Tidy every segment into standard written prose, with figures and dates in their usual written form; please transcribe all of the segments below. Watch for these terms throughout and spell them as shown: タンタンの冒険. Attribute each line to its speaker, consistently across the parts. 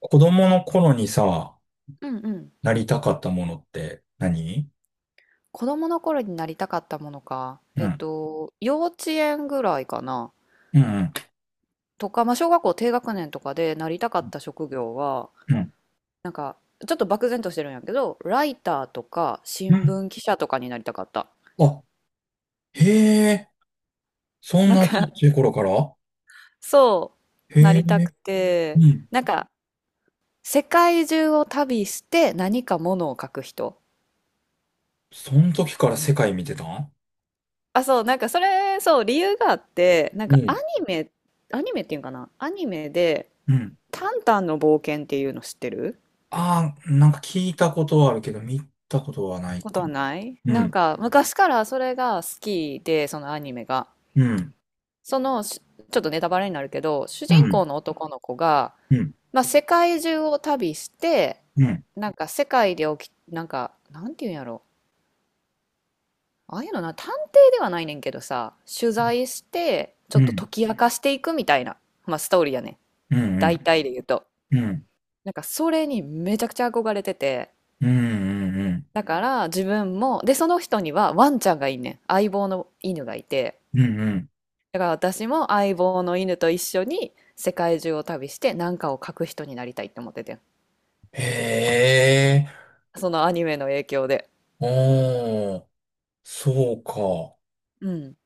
Speaker 1: 子供の頃にさ、
Speaker 2: うんうん。
Speaker 1: なりたかったものって何？
Speaker 2: 子供の頃になりたかったものか。
Speaker 1: うん。
Speaker 2: 幼稚園ぐらいかな。
Speaker 1: うん。
Speaker 2: とか、まあ、小学校低学年とかでなりたか
Speaker 1: う
Speaker 2: っ
Speaker 1: ん
Speaker 2: た職業は、
Speaker 1: うん。
Speaker 2: なんか、ちょっと漠然としてるんやけど、ライターとか
Speaker 1: う
Speaker 2: 新
Speaker 1: ん、
Speaker 2: 聞記者とかになりたかった。
Speaker 1: あ、へえ。そん
Speaker 2: なん
Speaker 1: なち
Speaker 2: か、
Speaker 1: っちゃい頃から。
Speaker 2: そ
Speaker 1: へ
Speaker 2: う、なりた
Speaker 1: え。
Speaker 2: くて、
Speaker 1: うん。
Speaker 2: なんか、世界中を旅して何かものを書く人。
Speaker 1: そん時から世界見てたん？
Speaker 2: あ、そう、なんかそれ、そう、理由があって、なん
Speaker 1: う
Speaker 2: か
Speaker 1: ん。
Speaker 2: メ、アニメっていうんかな、アニメで、
Speaker 1: うん。
Speaker 2: タンタンの冒険っていうの知ってる？
Speaker 1: ああ、なんか聞いたことはあるけど、見たことはない
Speaker 2: こ
Speaker 1: か
Speaker 2: とは
Speaker 1: も。
Speaker 2: ない。
Speaker 1: う
Speaker 2: なん
Speaker 1: ん。
Speaker 2: か昔からそれが好きで、そのアニメが。
Speaker 1: うん。
Speaker 2: その、ちょっとネタバレになるけど、主
Speaker 1: う
Speaker 2: 人
Speaker 1: ん。
Speaker 2: 公の男の子が、
Speaker 1: うん。
Speaker 2: まあ、世界中を旅して、
Speaker 1: うん。
Speaker 2: なんか世界で起き、なんか、なんていうんやろ。ああいうのな、探偵ではないねんけどさ、取材して、ちょ
Speaker 1: う
Speaker 2: っと
Speaker 1: ん。
Speaker 2: 解き明かしていくみたいな、まあ、ストーリーやね。
Speaker 1: う
Speaker 2: 大
Speaker 1: ん。
Speaker 2: 体で言うと。
Speaker 1: うん。うん。
Speaker 2: なんかそれにめちゃくちゃ憧れてて、
Speaker 1: うん。
Speaker 2: だから自分も、で、その人にはワンちゃんがいんねん。相棒の犬がいて。
Speaker 1: うん。うん。
Speaker 2: だから私も相棒の犬と一緒に世界中を旅して何かを書く人になりたいって思っててん。
Speaker 1: へえ。
Speaker 2: そのアニメの影響で。
Speaker 1: おー。そうか。
Speaker 2: うん。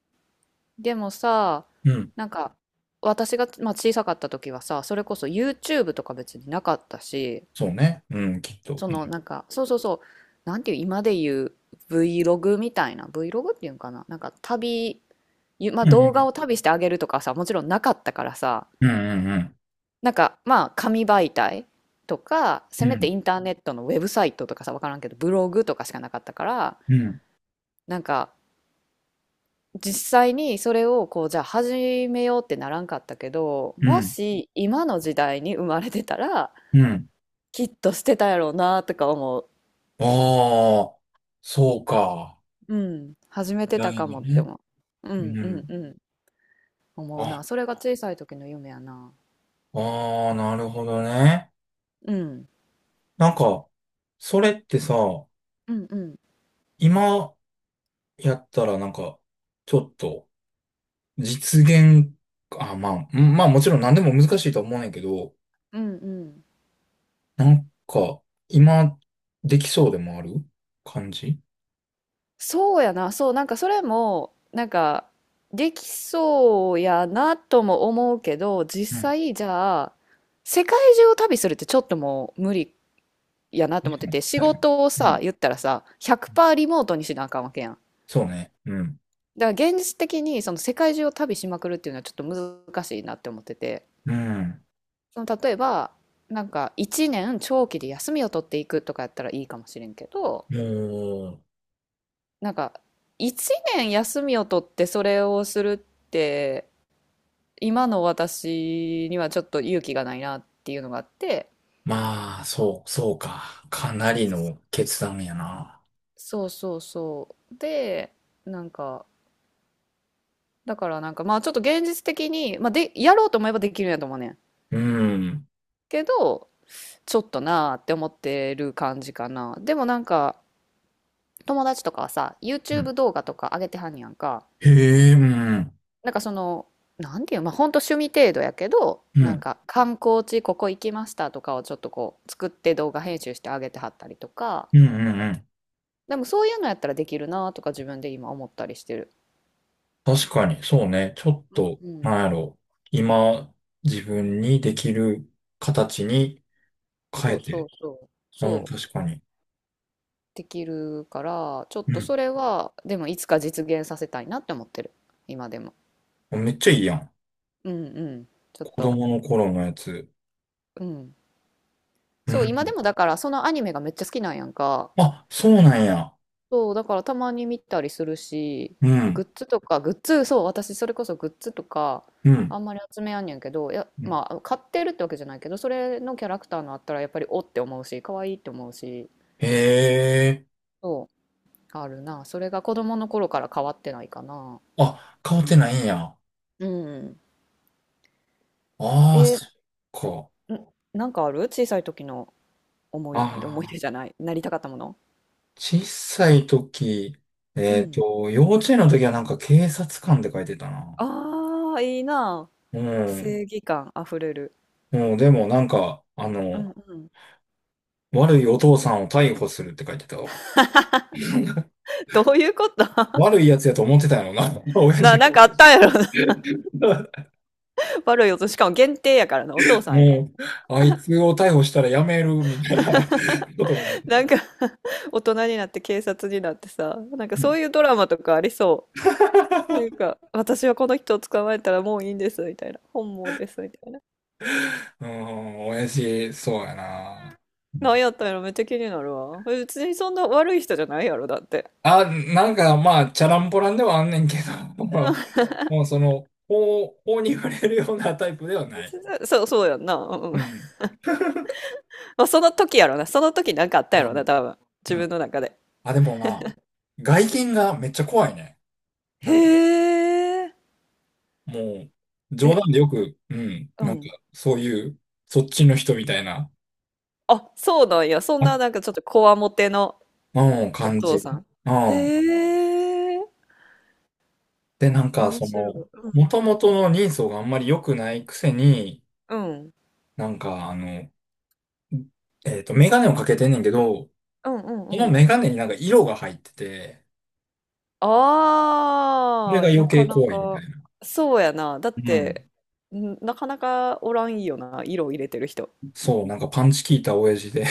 Speaker 2: でもさ、
Speaker 1: うん。
Speaker 2: なんか私が、まあ、小さかった時はさ、それこそ YouTube とか別になかったし、
Speaker 1: そうね。うん、きっと。
Speaker 2: そ
Speaker 1: う
Speaker 2: の
Speaker 1: ん、
Speaker 2: なんか、そうそうそう、なんていう、今で言う Vlog みたいな、Vlog っていうんかな、なんかまあ、動画を旅してあげるとかさ、もちろんなかったからさ、
Speaker 1: うん、うん、
Speaker 2: なんかまあ、紙媒体とか
Speaker 1: う
Speaker 2: せ
Speaker 1: ん、う
Speaker 2: めて
Speaker 1: ん、
Speaker 2: インターネットのウェブサイトとかさ、分からんけどブログとかしかなかったから、
Speaker 1: うん、
Speaker 2: なんか実際にそれをこう、じゃあ始めようってならんかったけど、
Speaker 1: う
Speaker 2: も
Speaker 1: ん。
Speaker 2: し今の時代に生まれてたら
Speaker 1: うん、
Speaker 2: きっとしてたやろうなとか思う。
Speaker 1: ああ、そうか。
Speaker 2: うん、始め
Speaker 1: 時
Speaker 2: てた
Speaker 1: 代
Speaker 2: か
Speaker 1: の
Speaker 2: もって
Speaker 1: ね。
Speaker 2: 思う。う
Speaker 1: う
Speaker 2: んうん
Speaker 1: ん。
Speaker 2: うん。思う
Speaker 1: あ、
Speaker 2: な、それが小さい時の夢やな。
Speaker 1: ああ、なるほどね。
Speaker 2: うん
Speaker 1: なんか、それってさ、
Speaker 2: うんうん
Speaker 1: 今やったらなんか、ちょっと、実現、あ、まあ、うん、まあもちろん何でも難しいとは思うねんやけど、
Speaker 2: うんうん。
Speaker 1: なんか、今、できそうでもある感じ。
Speaker 2: そうやな、そう、なんかそれも、なんか、できそうやなとも思うけど、
Speaker 1: う
Speaker 2: 実
Speaker 1: ん。
Speaker 2: 際、じゃあ、世界中を旅するってちょっともう無理やなと思ってて、仕
Speaker 1: 確か
Speaker 2: 事をさ、
Speaker 1: に。
Speaker 2: 言ったらさ、100%リモートにしなあかんわけやん。
Speaker 1: そうね。うん。
Speaker 2: だから現実的にその世界中を旅しまくるっていうのはちょっと難しいなって思ってて、
Speaker 1: うん。
Speaker 2: その例えば、なんか1年長期で休みを取っていくとかやったらいいかもしれんけど、
Speaker 1: もう、
Speaker 2: なんか1年休みを取ってそれをするって、今の私にはちょっと勇気がないなっていうのがあって、
Speaker 1: まあ、そう、そうか。かなりの決断やな。
Speaker 2: そうそうそう。で、なんか、だから、なんか、まあ、ちょっと現実的に、まあ、でやろうと思えばできるんやと思うねん
Speaker 1: うん。
Speaker 2: けど、ちょっとなーって思ってる感じかな。でもなんか、友達とかはさ
Speaker 1: うん。
Speaker 2: YouTube 動画とか上げてはんやんか。
Speaker 1: へえ、うん。
Speaker 2: なんかその、なんていう、まあほんと趣味程度やけど、
Speaker 1: う
Speaker 2: なん
Speaker 1: ん。
Speaker 2: か観光地ここ行きましたとかをちょっとこう作って、動画編集してあげてはったりとか、
Speaker 1: うん、うん、うん。
Speaker 2: でもそういうのやったらできるなとか自分で今思ったりしてる。
Speaker 1: 確かに、そうね。ちょっ
Speaker 2: うん
Speaker 1: と、
Speaker 2: うん。
Speaker 1: なんやろ。今、自分にできる形に
Speaker 2: そ
Speaker 1: 変え
Speaker 2: うそう
Speaker 1: て。
Speaker 2: そう。
Speaker 1: うん、
Speaker 2: そう。
Speaker 1: 確かに。
Speaker 2: できるから、ちょっ
Speaker 1: う
Speaker 2: とそ
Speaker 1: ん。
Speaker 2: れは、でもいつか実現させたいなって思ってる。今でも。
Speaker 1: めっちゃいいやん。
Speaker 2: うんうん。ちょっ
Speaker 1: 子
Speaker 2: と。
Speaker 1: 供の頃のやつ。
Speaker 2: うん。
Speaker 1: う
Speaker 2: そう、今で
Speaker 1: ん。
Speaker 2: もだからそのアニメがめっちゃ好きなんやんか。
Speaker 1: あ、そうなんや。
Speaker 2: そう、だからたまに見たりするし、
Speaker 1: うん。
Speaker 2: グッズ、そう、私それこそグッズとか、
Speaker 1: うん。
Speaker 2: あんまり集めやんねんけど、いや、
Speaker 1: うん、
Speaker 2: まあ、買ってるってわけじゃないけど、それのキャラクターのあったらやっぱりおって思うし、可愛いって思うし、
Speaker 1: へえ。
Speaker 2: そう、あるな。それが子供の頃から変わってないかな。
Speaker 1: あ、変わってないんや。
Speaker 2: うん。
Speaker 1: ああ、
Speaker 2: えー、
Speaker 1: そっか。
Speaker 2: んなんかある、小さい時の
Speaker 1: あ
Speaker 2: 思い出
Speaker 1: あ、
Speaker 2: じゃない。なりたかったもの。
Speaker 1: 小さい時、
Speaker 2: うん。
Speaker 1: 幼稚園の時はなんか警察官って書いてたな。
Speaker 2: ああ、いいな。
Speaker 1: う
Speaker 2: 正
Speaker 1: ん。
Speaker 2: 義感あふれる。
Speaker 1: うん、でもなんか、
Speaker 2: うんうん。
Speaker 1: 悪いお父さんを逮捕するって書いてたわ。
Speaker 2: どういうこと
Speaker 1: 悪いやつやと思ってたよな、親父。
Speaker 2: なんかあったんやろな。悪い音。しかも限定やからな。お父さんやから。
Speaker 1: もう、あいつを逮捕したらやめるみたいなことかもし れ
Speaker 2: な
Speaker 1: な
Speaker 2: ん
Speaker 1: い。
Speaker 2: か 大人になって警察になってさ。なんか
Speaker 1: う
Speaker 2: そ
Speaker 1: ん、
Speaker 2: ういうドラマとかありそう。なんか、私はこの人を捕まえたらもういいんです、みたいな。本望です、みたいな。
Speaker 1: うん、親父、そうやな。
Speaker 2: なんやったんやろ、めっちゃ気になるわ。別にそんな悪い人じゃないやろ、だって。
Speaker 1: あ、なんかまあ、チャランポランではあんねんけど。
Speaker 2: うん
Speaker 1: もうその、法に触れるようなタイプではない。
Speaker 2: そう、そうやんな。うん、
Speaker 1: うん。
Speaker 2: まあ、その時やろな。その時なんかあったや
Speaker 1: う
Speaker 2: ろ
Speaker 1: ん。
Speaker 2: な、多分。自
Speaker 1: う
Speaker 2: 分
Speaker 1: ん。
Speaker 2: の中で。
Speaker 1: あ、でもな、外見がめっちゃ怖いね。
Speaker 2: へ
Speaker 1: なんか、
Speaker 2: え。
Speaker 1: もう、冗
Speaker 2: え、
Speaker 1: 談でよく、うん、
Speaker 2: う
Speaker 1: なんか、
Speaker 2: ん。
Speaker 1: そういう、そっちの人みたいな、
Speaker 2: あ、そうなんや。そん
Speaker 1: あ、
Speaker 2: ななんかちょっとこわもての
Speaker 1: うん、
Speaker 2: お
Speaker 1: 感じ。
Speaker 2: 父さん。
Speaker 1: う
Speaker 2: へ
Speaker 1: ん。
Speaker 2: え。
Speaker 1: で、なんか、
Speaker 2: 面
Speaker 1: そ
Speaker 2: 白い。
Speaker 1: の、
Speaker 2: う
Speaker 1: も
Speaker 2: ん。
Speaker 1: ともとの人相があんまり良くないくせに、
Speaker 2: うん。
Speaker 1: なんか、メガネをかけてんねんけど、
Speaker 2: うんうん
Speaker 1: その
Speaker 2: うん。
Speaker 1: メガネになんか色が入ってて、それ
Speaker 2: あ
Speaker 1: が
Speaker 2: あ、
Speaker 1: 余
Speaker 2: な
Speaker 1: 計
Speaker 2: かな
Speaker 1: 怖いみた
Speaker 2: か。
Speaker 1: いな。
Speaker 2: そうやな。だ
Speaker 1: う
Speaker 2: っ
Speaker 1: ん。
Speaker 2: て、なかなかおらんよな。色を入れてる人。
Speaker 1: そう、なんかパンチ効いた親父で。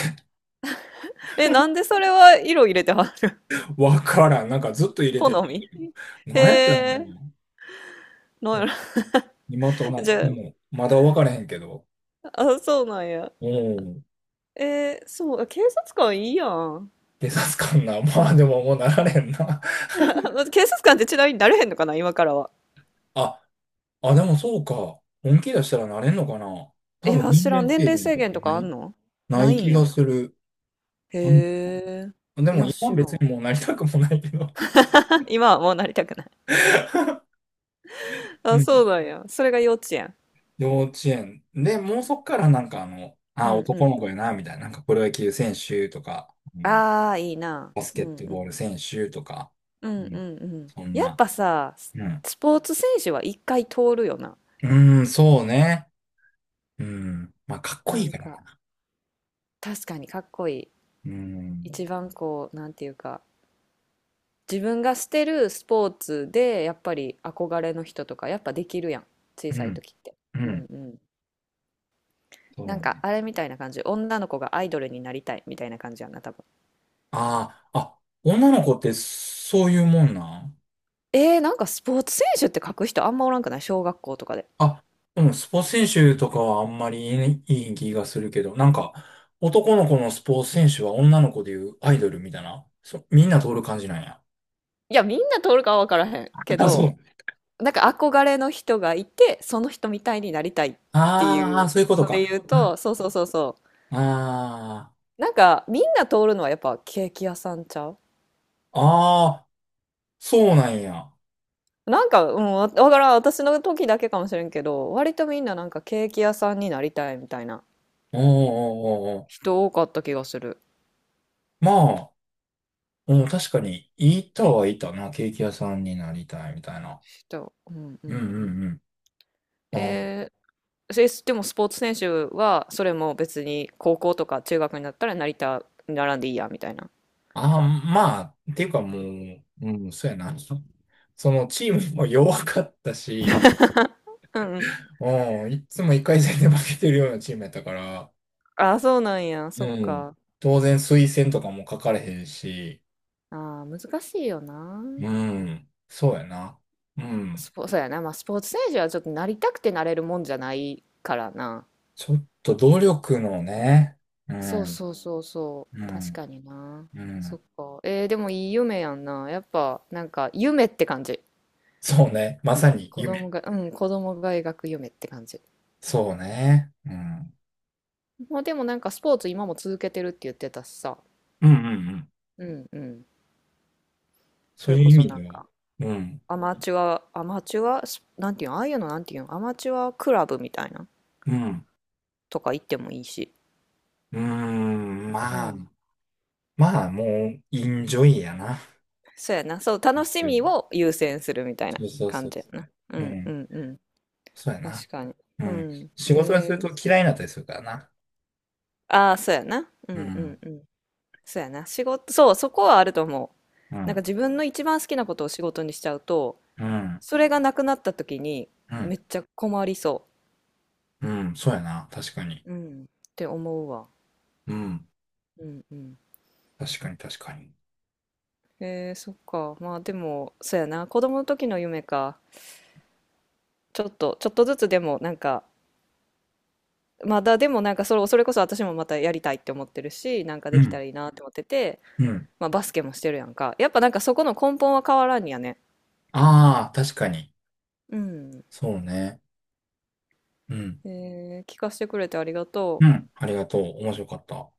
Speaker 2: え、なんでそれは色入れてはん？
Speaker 1: わからん。なんかずっと入 れて
Speaker 2: 好
Speaker 1: て。
Speaker 2: み。へ
Speaker 1: なんやってんの。
Speaker 2: え、なんやろ。
Speaker 1: 今と なっ
Speaker 2: じゃ
Speaker 1: ても、まだわからへんけど。
Speaker 2: あ、あ、そうなんや。
Speaker 1: うん。
Speaker 2: そう、警察官いいやん。
Speaker 1: 警察官な。まあでももうなられんな。
Speaker 2: 警察官ってちなみになれへんのかな、今からは。
Speaker 1: あ、あ、でもそうか。本気出したらなれんのかな。多
Speaker 2: い
Speaker 1: 分
Speaker 2: や、
Speaker 1: 年
Speaker 2: 知らん。
Speaker 1: 齢
Speaker 2: 年
Speaker 1: 制
Speaker 2: 齢
Speaker 1: 限
Speaker 2: 制
Speaker 1: とか
Speaker 2: 限と
Speaker 1: な
Speaker 2: かあ
Speaker 1: い、
Speaker 2: んの？
Speaker 1: な
Speaker 2: な
Speaker 1: い
Speaker 2: いん
Speaker 1: 気が
Speaker 2: や。
Speaker 1: する。
Speaker 2: へ
Speaker 1: あん、
Speaker 2: え。
Speaker 1: で
Speaker 2: い
Speaker 1: も
Speaker 2: や、知
Speaker 1: 今
Speaker 2: ら
Speaker 1: 別
Speaker 2: ん。
Speaker 1: にもうなりたくもないけど。
Speaker 2: 今はもうなりたくない。
Speaker 1: う
Speaker 2: あ、そ
Speaker 1: ん。
Speaker 2: うなんや。それが幼稚園。
Speaker 1: 幼稚園。で、もうそっからなんか
Speaker 2: う
Speaker 1: あ、
Speaker 2: んう
Speaker 1: 男の
Speaker 2: ん。
Speaker 1: 子やな、みたいな。なんかプロ野球選手とか、あの、
Speaker 2: ああ、いいな。
Speaker 1: バス
Speaker 2: う
Speaker 1: ケッ
Speaker 2: ん
Speaker 1: ト
Speaker 2: うんう
Speaker 1: ボール選
Speaker 2: ん。
Speaker 1: 手とか、
Speaker 2: う
Speaker 1: う
Speaker 2: んうんう
Speaker 1: ん、
Speaker 2: ん。
Speaker 1: そん
Speaker 2: やっ
Speaker 1: な、
Speaker 2: ぱさ、
Speaker 1: うん。
Speaker 2: スポーツ選手は一回通るよな。
Speaker 1: うーん、そうね。うん。まあ、かっこ
Speaker 2: な
Speaker 1: いい
Speaker 2: ん
Speaker 1: から
Speaker 2: か、
Speaker 1: な。
Speaker 2: 確かにかっこいい。
Speaker 1: うん。
Speaker 2: 一番こう、なんていうか、自分がしてるスポーツで、やっぱり憧れの人とか、やっぱできるやん。小
Speaker 1: う
Speaker 2: さい
Speaker 1: ん。
Speaker 2: 時って。
Speaker 1: う
Speaker 2: うん
Speaker 1: ん。
Speaker 2: うん。
Speaker 1: そう
Speaker 2: なんか、
Speaker 1: ね。
Speaker 2: あれみたいな感じ。女の子がアイドルになりたいみたいな感じやんな、多分。
Speaker 1: ああ、あ、女の子ってそういうもんなん？
Speaker 2: なんかスポーツ選手って書く人あんまおらんくない？小学校とかで。
Speaker 1: あ、うん、スポーツ選手とかはあんまりいい気がするけど、なんか、男の子のスポーツ選手は女の子でいうアイドルみたいな。そ、みんな通る感じなんや。
Speaker 2: いや、みんな通るかは分からへんけ
Speaker 1: あ、そ
Speaker 2: ど、
Speaker 1: う。
Speaker 2: なんか憧れの人がいて、その人みたいになりたいって
Speaker 1: あ
Speaker 2: い
Speaker 1: あ、
Speaker 2: う
Speaker 1: そういうこと
Speaker 2: ので
Speaker 1: か。
Speaker 2: 言う
Speaker 1: あ
Speaker 2: と、そうそうそうそ
Speaker 1: あ、あ
Speaker 2: う。なんか、みんな通るのはやっぱケーキ屋さんちゃう？
Speaker 1: ーあー、そうなんや。
Speaker 2: なんか、うん、わからん、私の時だけかもしれんけど、割とみんななんかケーキ屋さんになりたいみたいな
Speaker 1: おーおーおーおー。
Speaker 2: 人多かった気がする。
Speaker 1: まあ、うん、確かに、いたはいたな。ケーキ屋さんになりたいみたいな。
Speaker 2: 人、うんう
Speaker 1: うん
Speaker 2: んう
Speaker 1: う
Speaker 2: ん。
Speaker 1: んうん。あ、
Speaker 2: えでもスポーツ選手はそれも別に高校とか中学になったらなりた、並んでいいやみたいな。
Speaker 1: あ、まあ、っていうかもう、うん、そうやな。そのチームも弱かったし、
Speaker 2: うんうん。
Speaker 1: うん、いつも1回戦で負けてるようなチームやったから、
Speaker 2: ああ、そうなんや。そ
Speaker 1: う
Speaker 2: っ
Speaker 1: ん、
Speaker 2: か。
Speaker 1: 当然推薦とかも書かれへんし、
Speaker 2: ああ、難しいよな。
Speaker 1: うん、そうやな。うん、
Speaker 2: そうやな。まあスポーツ選手はちょっとなりたくてなれるもんじゃないからな。
Speaker 1: ちょっと努力のね、う
Speaker 2: そう
Speaker 1: ん、
Speaker 2: そうそうそ
Speaker 1: う
Speaker 2: う。確
Speaker 1: ん、
Speaker 2: かにな。
Speaker 1: う
Speaker 2: そっ
Speaker 1: ん。
Speaker 2: か。でもいい夢やんな。やっぱ、なんか、夢って感じ。
Speaker 1: そうね。まさに
Speaker 2: 子
Speaker 1: 夢。
Speaker 2: 供が、うん、子供が描く夢って感じ。
Speaker 1: そうね。うん。
Speaker 2: まあでもなんかスポーツ今も続けてるって言ってたしさ。
Speaker 1: うんうんうん。
Speaker 2: うんうん。そ
Speaker 1: そう
Speaker 2: れ
Speaker 1: いう
Speaker 2: こ
Speaker 1: 意
Speaker 2: そ
Speaker 1: 味
Speaker 2: なん
Speaker 1: では、
Speaker 2: か、
Speaker 1: うん。
Speaker 2: アマチュア、アマチュア、スなんていうの、ああいうのなんていうの、アマチュアクラブみたいな
Speaker 1: うん。
Speaker 2: とか行ってもいいし。
Speaker 1: うん。うーん。
Speaker 2: う
Speaker 1: まあ、
Speaker 2: ん。
Speaker 1: まあ、もう、インジョイやな。
Speaker 2: そうやな。そう、楽し
Speaker 1: う
Speaker 2: み
Speaker 1: ん、
Speaker 2: を優先するみたいな
Speaker 1: そうそうそ
Speaker 2: 感
Speaker 1: う
Speaker 2: じや
Speaker 1: そ
Speaker 2: な。
Speaker 1: う。
Speaker 2: う
Speaker 1: う
Speaker 2: んう
Speaker 1: ん。
Speaker 2: んうん。
Speaker 1: そうや
Speaker 2: 確
Speaker 1: な。
Speaker 2: かに。
Speaker 1: う
Speaker 2: う
Speaker 1: ん。
Speaker 2: ん。
Speaker 1: 仕事がすると嫌いになったりするからな。
Speaker 2: ああ、そうやな。う
Speaker 1: う
Speaker 2: んうん
Speaker 1: ん。
Speaker 2: うん。そうやな。仕事、そう、そこはあると思う。
Speaker 1: う
Speaker 2: なんか
Speaker 1: ん。
Speaker 2: 自分の一番好きなことを仕事にしちゃうと、
Speaker 1: うん。
Speaker 2: それがなくなった時に
Speaker 1: うん。
Speaker 2: めっちゃ困りそ
Speaker 1: うん。そうやな。確かに。
Speaker 2: う。うん。って思うわ。
Speaker 1: うん。
Speaker 2: うんうん。
Speaker 1: 確かに、確かに。
Speaker 2: そっか。まあでも、そうやな。子供の時の夢か。ちょっとずつでもなんか、まだでもなんかそれこそ私もまたやりたいって思ってるし、なんか
Speaker 1: う
Speaker 2: できた
Speaker 1: ん。
Speaker 2: らいいなって思ってて、
Speaker 1: うん。
Speaker 2: まあバスケもしてるやんか。やっぱなんかそこの根本は変わらんやね。
Speaker 1: ああ、確かに。
Speaker 2: うん。
Speaker 1: そうね。うん。
Speaker 2: 聞かせてくれてありがと
Speaker 1: う
Speaker 2: う。
Speaker 1: ん。ありがとう。面白かった。